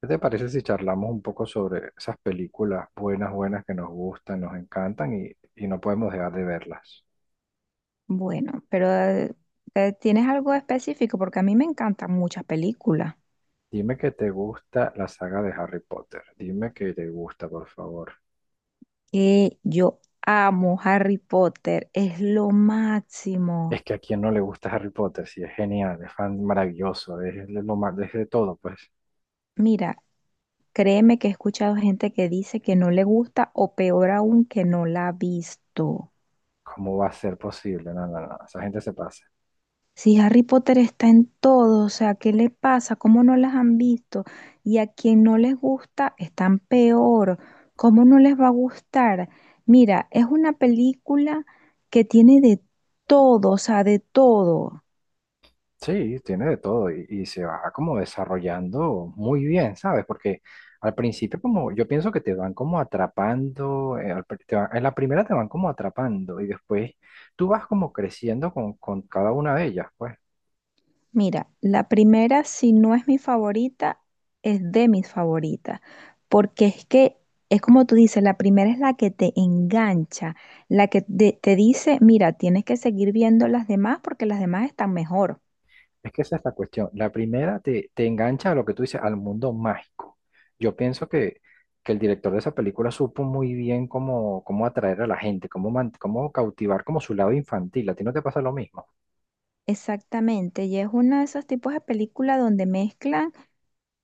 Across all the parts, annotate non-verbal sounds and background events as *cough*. ¿Qué te parece si charlamos un poco sobre esas películas buenas, buenas que nos gustan, nos encantan y no podemos dejar de verlas? Bueno, pero ¿tienes algo específico? Porque a mí me encantan muchas películas. Dime que te gusta la saga de Harry Potter. Dime que te gusta, por favor. Que yo amo Harry Potter, es lo máximo. Es que a quién no le gusta Harry Potter, si es genial, es fan maravilloso, es lo más, es de todo, pues. Mira, créeme que he escuchado gente que dice que no le gusta o peor aún que no la ha visto. ¿Cómo va a ser posible? No, no, no, esa gente se pasa. Si Harry Potter está en todo, o sea, ¿qué le pasa? ¿Cómo no las han visto? Y a quien no les gusta, están peor. ¿Cómo no les va a gustar? Mira, es una película que tiene de todo, o sea, de todo. Sí, tiene de todo y se va como desarrollando muy bien, ¿sabes? Porque al principio como yo pienso que te van como atrapando, al pri- te va- en la primera te van como atrapando y después tú vas como creciendo con cada una de ellas, pues. Mira, la primera, si no es mi favorita, es de mis favoritas, porque es que es como tú dices, la primera es la que te engancha, la que te dice, mira, tienes que seguir viendo las demás porque las demás están mejor. Es que esa es la cuestión. La primera te engancha a lo que tú dices, al mundo mágico. Yo pienso que el director de esa película supo muy bien cómo atraer a la gente, cómo cautivar como su lado infantil. ¿A ti no te pasa lo mismo? Exactamente, y es uno de esos tipos de películas donde mezclan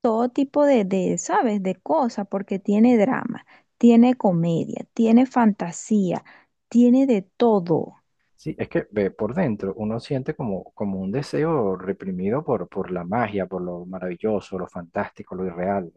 todo tipo ¿sabes? De cosas, porque tiene drama, tiene comedia, tiene fantasía, tiene de todo. Sí, es que ve, por dentro uno siente como, como un deseo reprimido por la magia, por lo maravilloso, lo fantástico, lo irreal.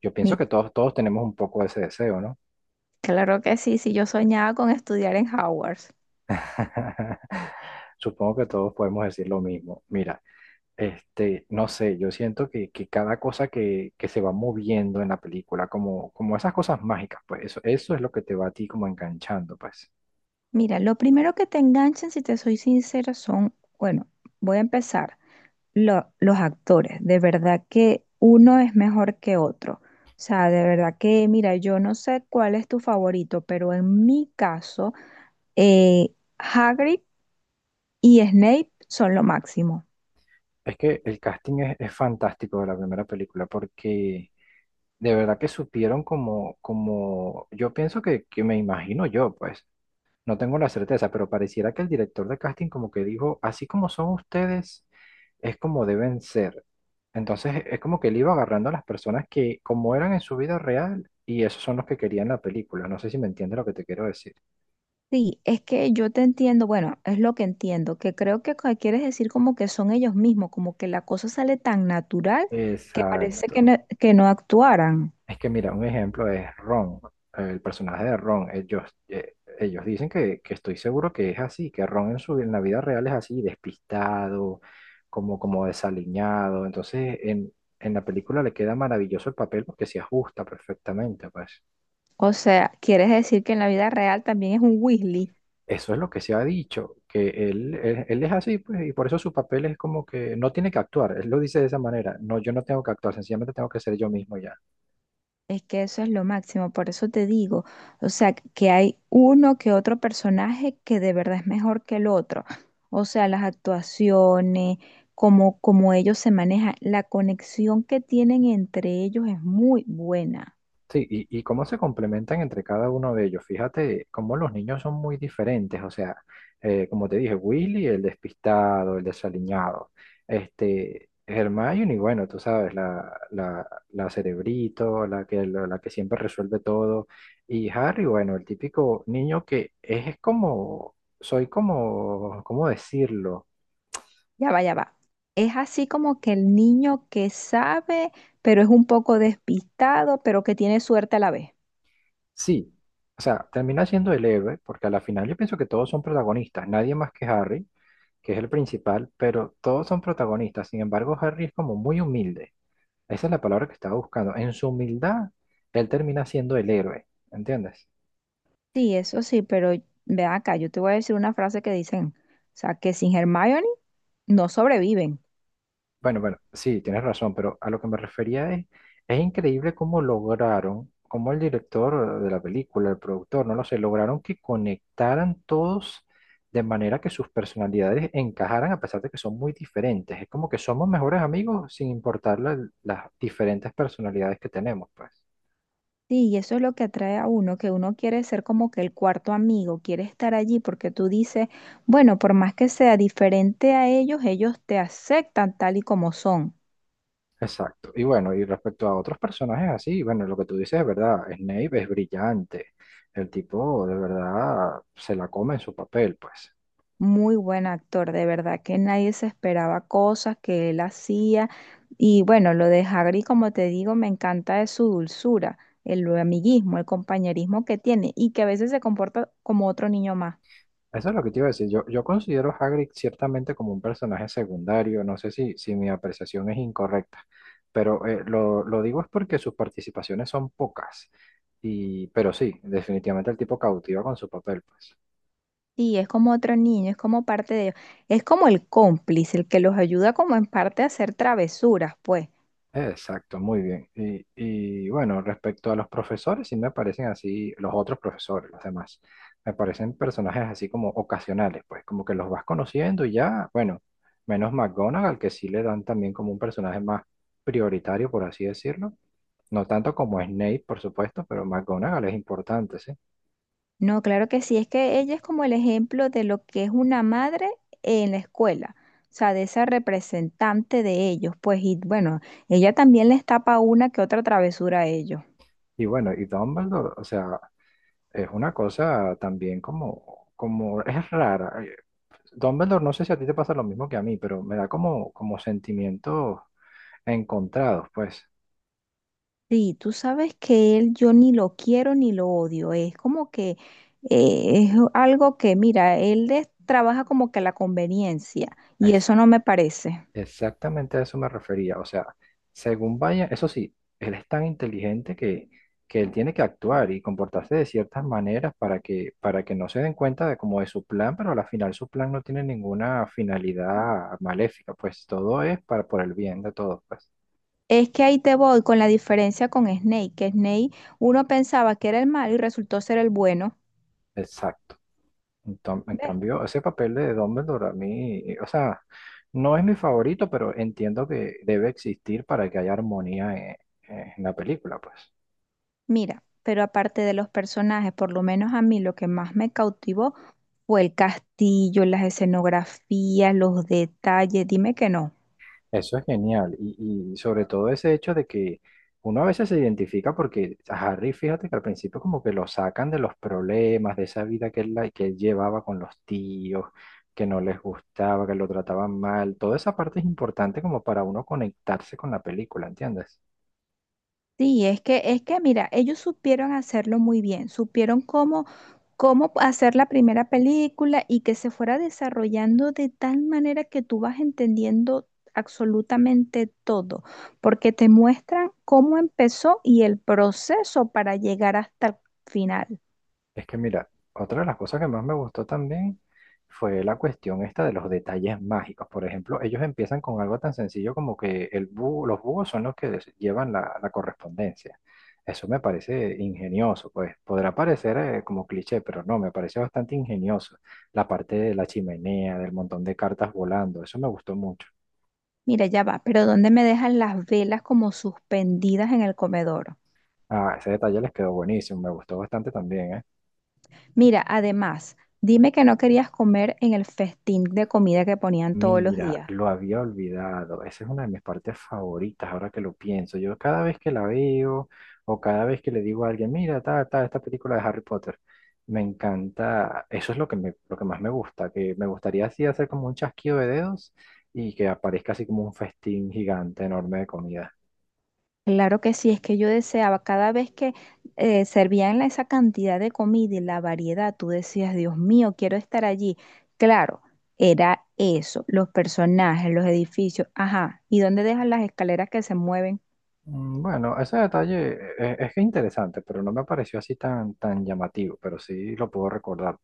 Yo pienso Mi- que todos, todos tenemos un poco de ese deseo, ¿no? claro que sí, sí, yo soñaba con estudiar en Howard. *laughs* Supongo que todos podemos decir lo mismo. Mira, este, no sé, yo siento que cada cosa que se va moviendo en la película, como, como esas cosas mágicas, pues eso es lo que te va a ti como enganchando, pues. Mira, lo primero que te enganchan, si te soy sincera, son, bueno, voy a empezar, los actores. De verdad que uno es mejor que otro. O sea, de verdad que, mira, yo no sé cuál es tu favorito, pero en mi caso, Hagrid y Snape son lo máximo. Es que el casting es fantástico de la primera película porque de verdad que supieron como, como, yo pienso que me imagino yo, pues, no tengo la certeza, pero pareciera que el director de casting como que dijo, así como son ustedes, es como deben ser. Entonces, es como que él iba agarrando a las personas que como eran en su vida real y esos son los que querían la película. No sé si me entiendes lo que te quiero decir. Sí, es que yo te entiendo, bueno, es lo que entiendo, que creo que quieres decir como que son ellos mismos, como que la cosa sale tan natural que parece Exacto. Que no actuaran. Es que mira, un ejemplo es Ron, el personaje de Ron. Ellos, ellos dicen que estoy seguro que es así, que Ron en la vida real es así, despistado, como, como desaliñado. Entonces, en la película le queda maravilloso el papel porque se ajusta perfectamente, pues. O sea, quieres decir que en la vida real también es un Weasley. Eso es lo que se ha dicho, que él es así, pues, y por eso su papel es como que no tiene que actuar. Él lo dice de esa manera. No, yo no tengo que actuar, sencillamente tengo que ser yo mismo ya. Es que eso es lo máximo, por eso te digo, o sea, que hay uno que otro personaje que de verdad es mejor que el otro. O sea, las actuaciones, cómo, cómo ellos se manejan, la conexión que tienen entre ellos es muy buena. Sí, y cómo se complementan entre cada uno de ellos. Fíjate cómo los niños son muy diferentes. O sea, como te dije, Willy, el despistado, el desaliñado. Este, Hermione, bueno, tú sabes, la cerebrito, la que siempre resuelve todo. Y Harry, bueno, el típico niño que es como, soy como, ¿cómo decirlo? Ya va, ya va. Es así como que el niño que sabe, pero es un poco despistado, pero que tiene suerte a la vez. Sí. O sea, termina siendo el héroe, porque a la final yo pienso que todos son protagonistas, nadie más que Harry que es el principal, pero todos son protagonistas. Sin embargo, Harry es como muy humilde. Esa es la palabra que estaba buscando. En su humildad, él termina siendo el héroe, ¿entiendes? Sí, eso sí, pero ve acá, yo te voy a decir una frase que dicen, o sea, que sin Hermione no sobreviven. Bueno, bueno, sí, tienes razón, pero a lo que me refería es increíble cómo lograron, cómo el director de la película, el productor, no lo sé, lograron que conectaran todos de manera que sus personalidades encajaran a pesar de que son muy diferentes. Es como que somos mejores amigos sin importar las diferentes personalidades que tenemos, pues. Sí, y eso es lo que atrae a uno, que uno quiere ser como que el cuarto amigo, quiere estar allí porque tú dices, bueno, por más que sea diferente a ellos, ellos te aceptan tal y como son. Exacto. Y bueno, y respecto a otros personajes así, bueno, lo que tú dices es verdad, Snape es brillante. El tipo de verdad se la come en su papel, pues. Muy buen actor, de verdad que nadie se esperaba cosas que él hacía. Y bueno, lo de Hagrid, como te digo, me encanta de su dulzura, el amiguismo, el compañerismo que tiene y que a veces se comporta como otro niño más. Eso es lo que te iba a decir. Yo considero a Hagrid ciertamente como un personaje secundario. No sé si mi apreciación es incorrecta, pero lo digo es porque sus participaciones son pocas. Y, pero sí, definitivamente el tipo cautiva con su papel, pues. Sí, es como otro niño, es como parte de ellos. Es como el cómplice, el que los ayuda como en parte a hacer travesuras, pues. Exacto, muy bien. Y bueno, respecto a los profesores, sí me parecen así, los otros profesores, los demás, me parecen personajes así como ocasionales, pues como que los vas conociendo y ya, bueno, menos McGonagall, que sí le dan también como un personaje más prioritario, por así decirlo. No tanto como Snape, por supuesto, pero McGonagall es importante, ¿sí? No, claro que sí, es que ella es como el ejemplo de lo que es una madre en la escuela, o sea, de esa representante de ellos, pues, y bueno, ella también les tapa una que otra travesura a ellos. Y bueno, y Dumbledore, o sea, es una cosa también como, como es rara. Dumbledore, no sé si a ti te pasa lo mismo que a mí, pero me da como, como sentimientos encontrados, pues. Sí, tú sabes que él yo ni lo quiero ni lo odio, es como que es algo que, mira, él les trabaja como que la conveniencia, y Es eso no me parece. exactamente a eso me refería. O sea, según vaya, eso sí, él es tan inteligente que él tiene que actuar y comportarse de ciertas maneras para que no se den cuenta de como de su plan, pero al final su plan no tiene ninguna finalidad maléfica, pues todo es para por el bien de todos, pues. Es que ahí te voy con la diferencia con Snake, que Snake uno pensaba que era el malo y resultó ser el bueno. Exacto. En ¿Ves? cambio, ese papel de Dumbledore a mí, o sea, no es mi favorito, pero entiendo que debe existir para que haya armonía en la película, pues. Mira, pero aparte de los personajes, por lo menos a mí lo que más me cautivó fue el castillo, las escenografías, los detalles, dime que no. Eso es genial. Y sobre todo ese hecho de que uno a veces se identifica porque a Harry, fíjate que al principio como que lo sacan de los problemas, de esa vida que que él llevaba con los tíos, que no les gustaba, que lo trataban mal. Toda esa parte es importante como para uno conectarse con la película, ¿entiendes? Sí, es que mira, ellos supieron hacerlo muy bien, supieron cómo hacer la primera película y que se fuera desarrollando de tal manera que tú vas entendiendo absolutamente todo, porque te muestran cómo empezó y el proceso para llegar hasta el final. Es que mira, otra de las cosas que más me gustó también fue la cuestión esta de los detalles mágicos. Por ejemplo, ellos empiezan con algo tan sencillo como que los búhos son los que llevan la correspondencia. Eso me parece ingenioso, pues podrá parecer como cliché, pero no, me parece bastante ingenioso. La parte de la chimenea, del montón de cartas volando, eso me gustó mucho. Mira, ya va, pero ¿dónde me dejan las velas como suspendidas en el comedor? Ah, ese detalle les quedó buenísimo, me gustó bastante también, ¿eh? Mira, además, dime que no querías comer en el festín de comida que ponían todos los Mira, días. lo había olvidado. Esa es una de mis partes favoritas, ahora que lo pienso. Yo cada vez que la veo o cada vez que le digo a alguien, mira, ta, ta, esta película de Harry Potter, me encanta. Eso es lo que lo que más me gusta, que me gustaría así hacer como un chasquido de dedos y que aparezca así como un festín gigante, enorme de comida. Claro que sí, es que yo deseaba cada vez que servían esa cantidad de comida y la variedad, tú decías, Dios mío, quiero estar allí. Claro, era eso, los personajes, los edificios, ajá, ¿y dónde dejan las escaleras que se mueven? Mm, bueno, ese detalle que es interesante, pero no me pareció así tan, tan llamativo, pero sí lo puedo recordar.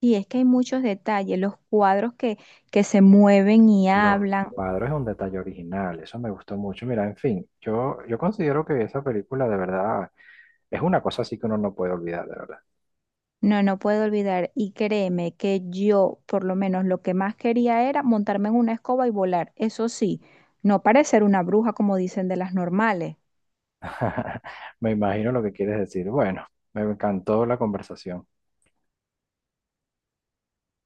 Y es que hay muchos detalles, los cuadros que se mueven y Los hablan, cuadros es un detalle original, eso me gustó mucho. Mira, en fin, yo considero que esa película de verdad es una cosa así que uno no puede olvidar, de verdad. no, no puedo olvidar, y créeme que yo, por lo menos, lo que más quería era montarme en una escoba y volar, eso sí, no parecer una bruja como dicen de las normales. *laughs* Me imagino lo que quieres decir. Bueno, me encantó la conversación.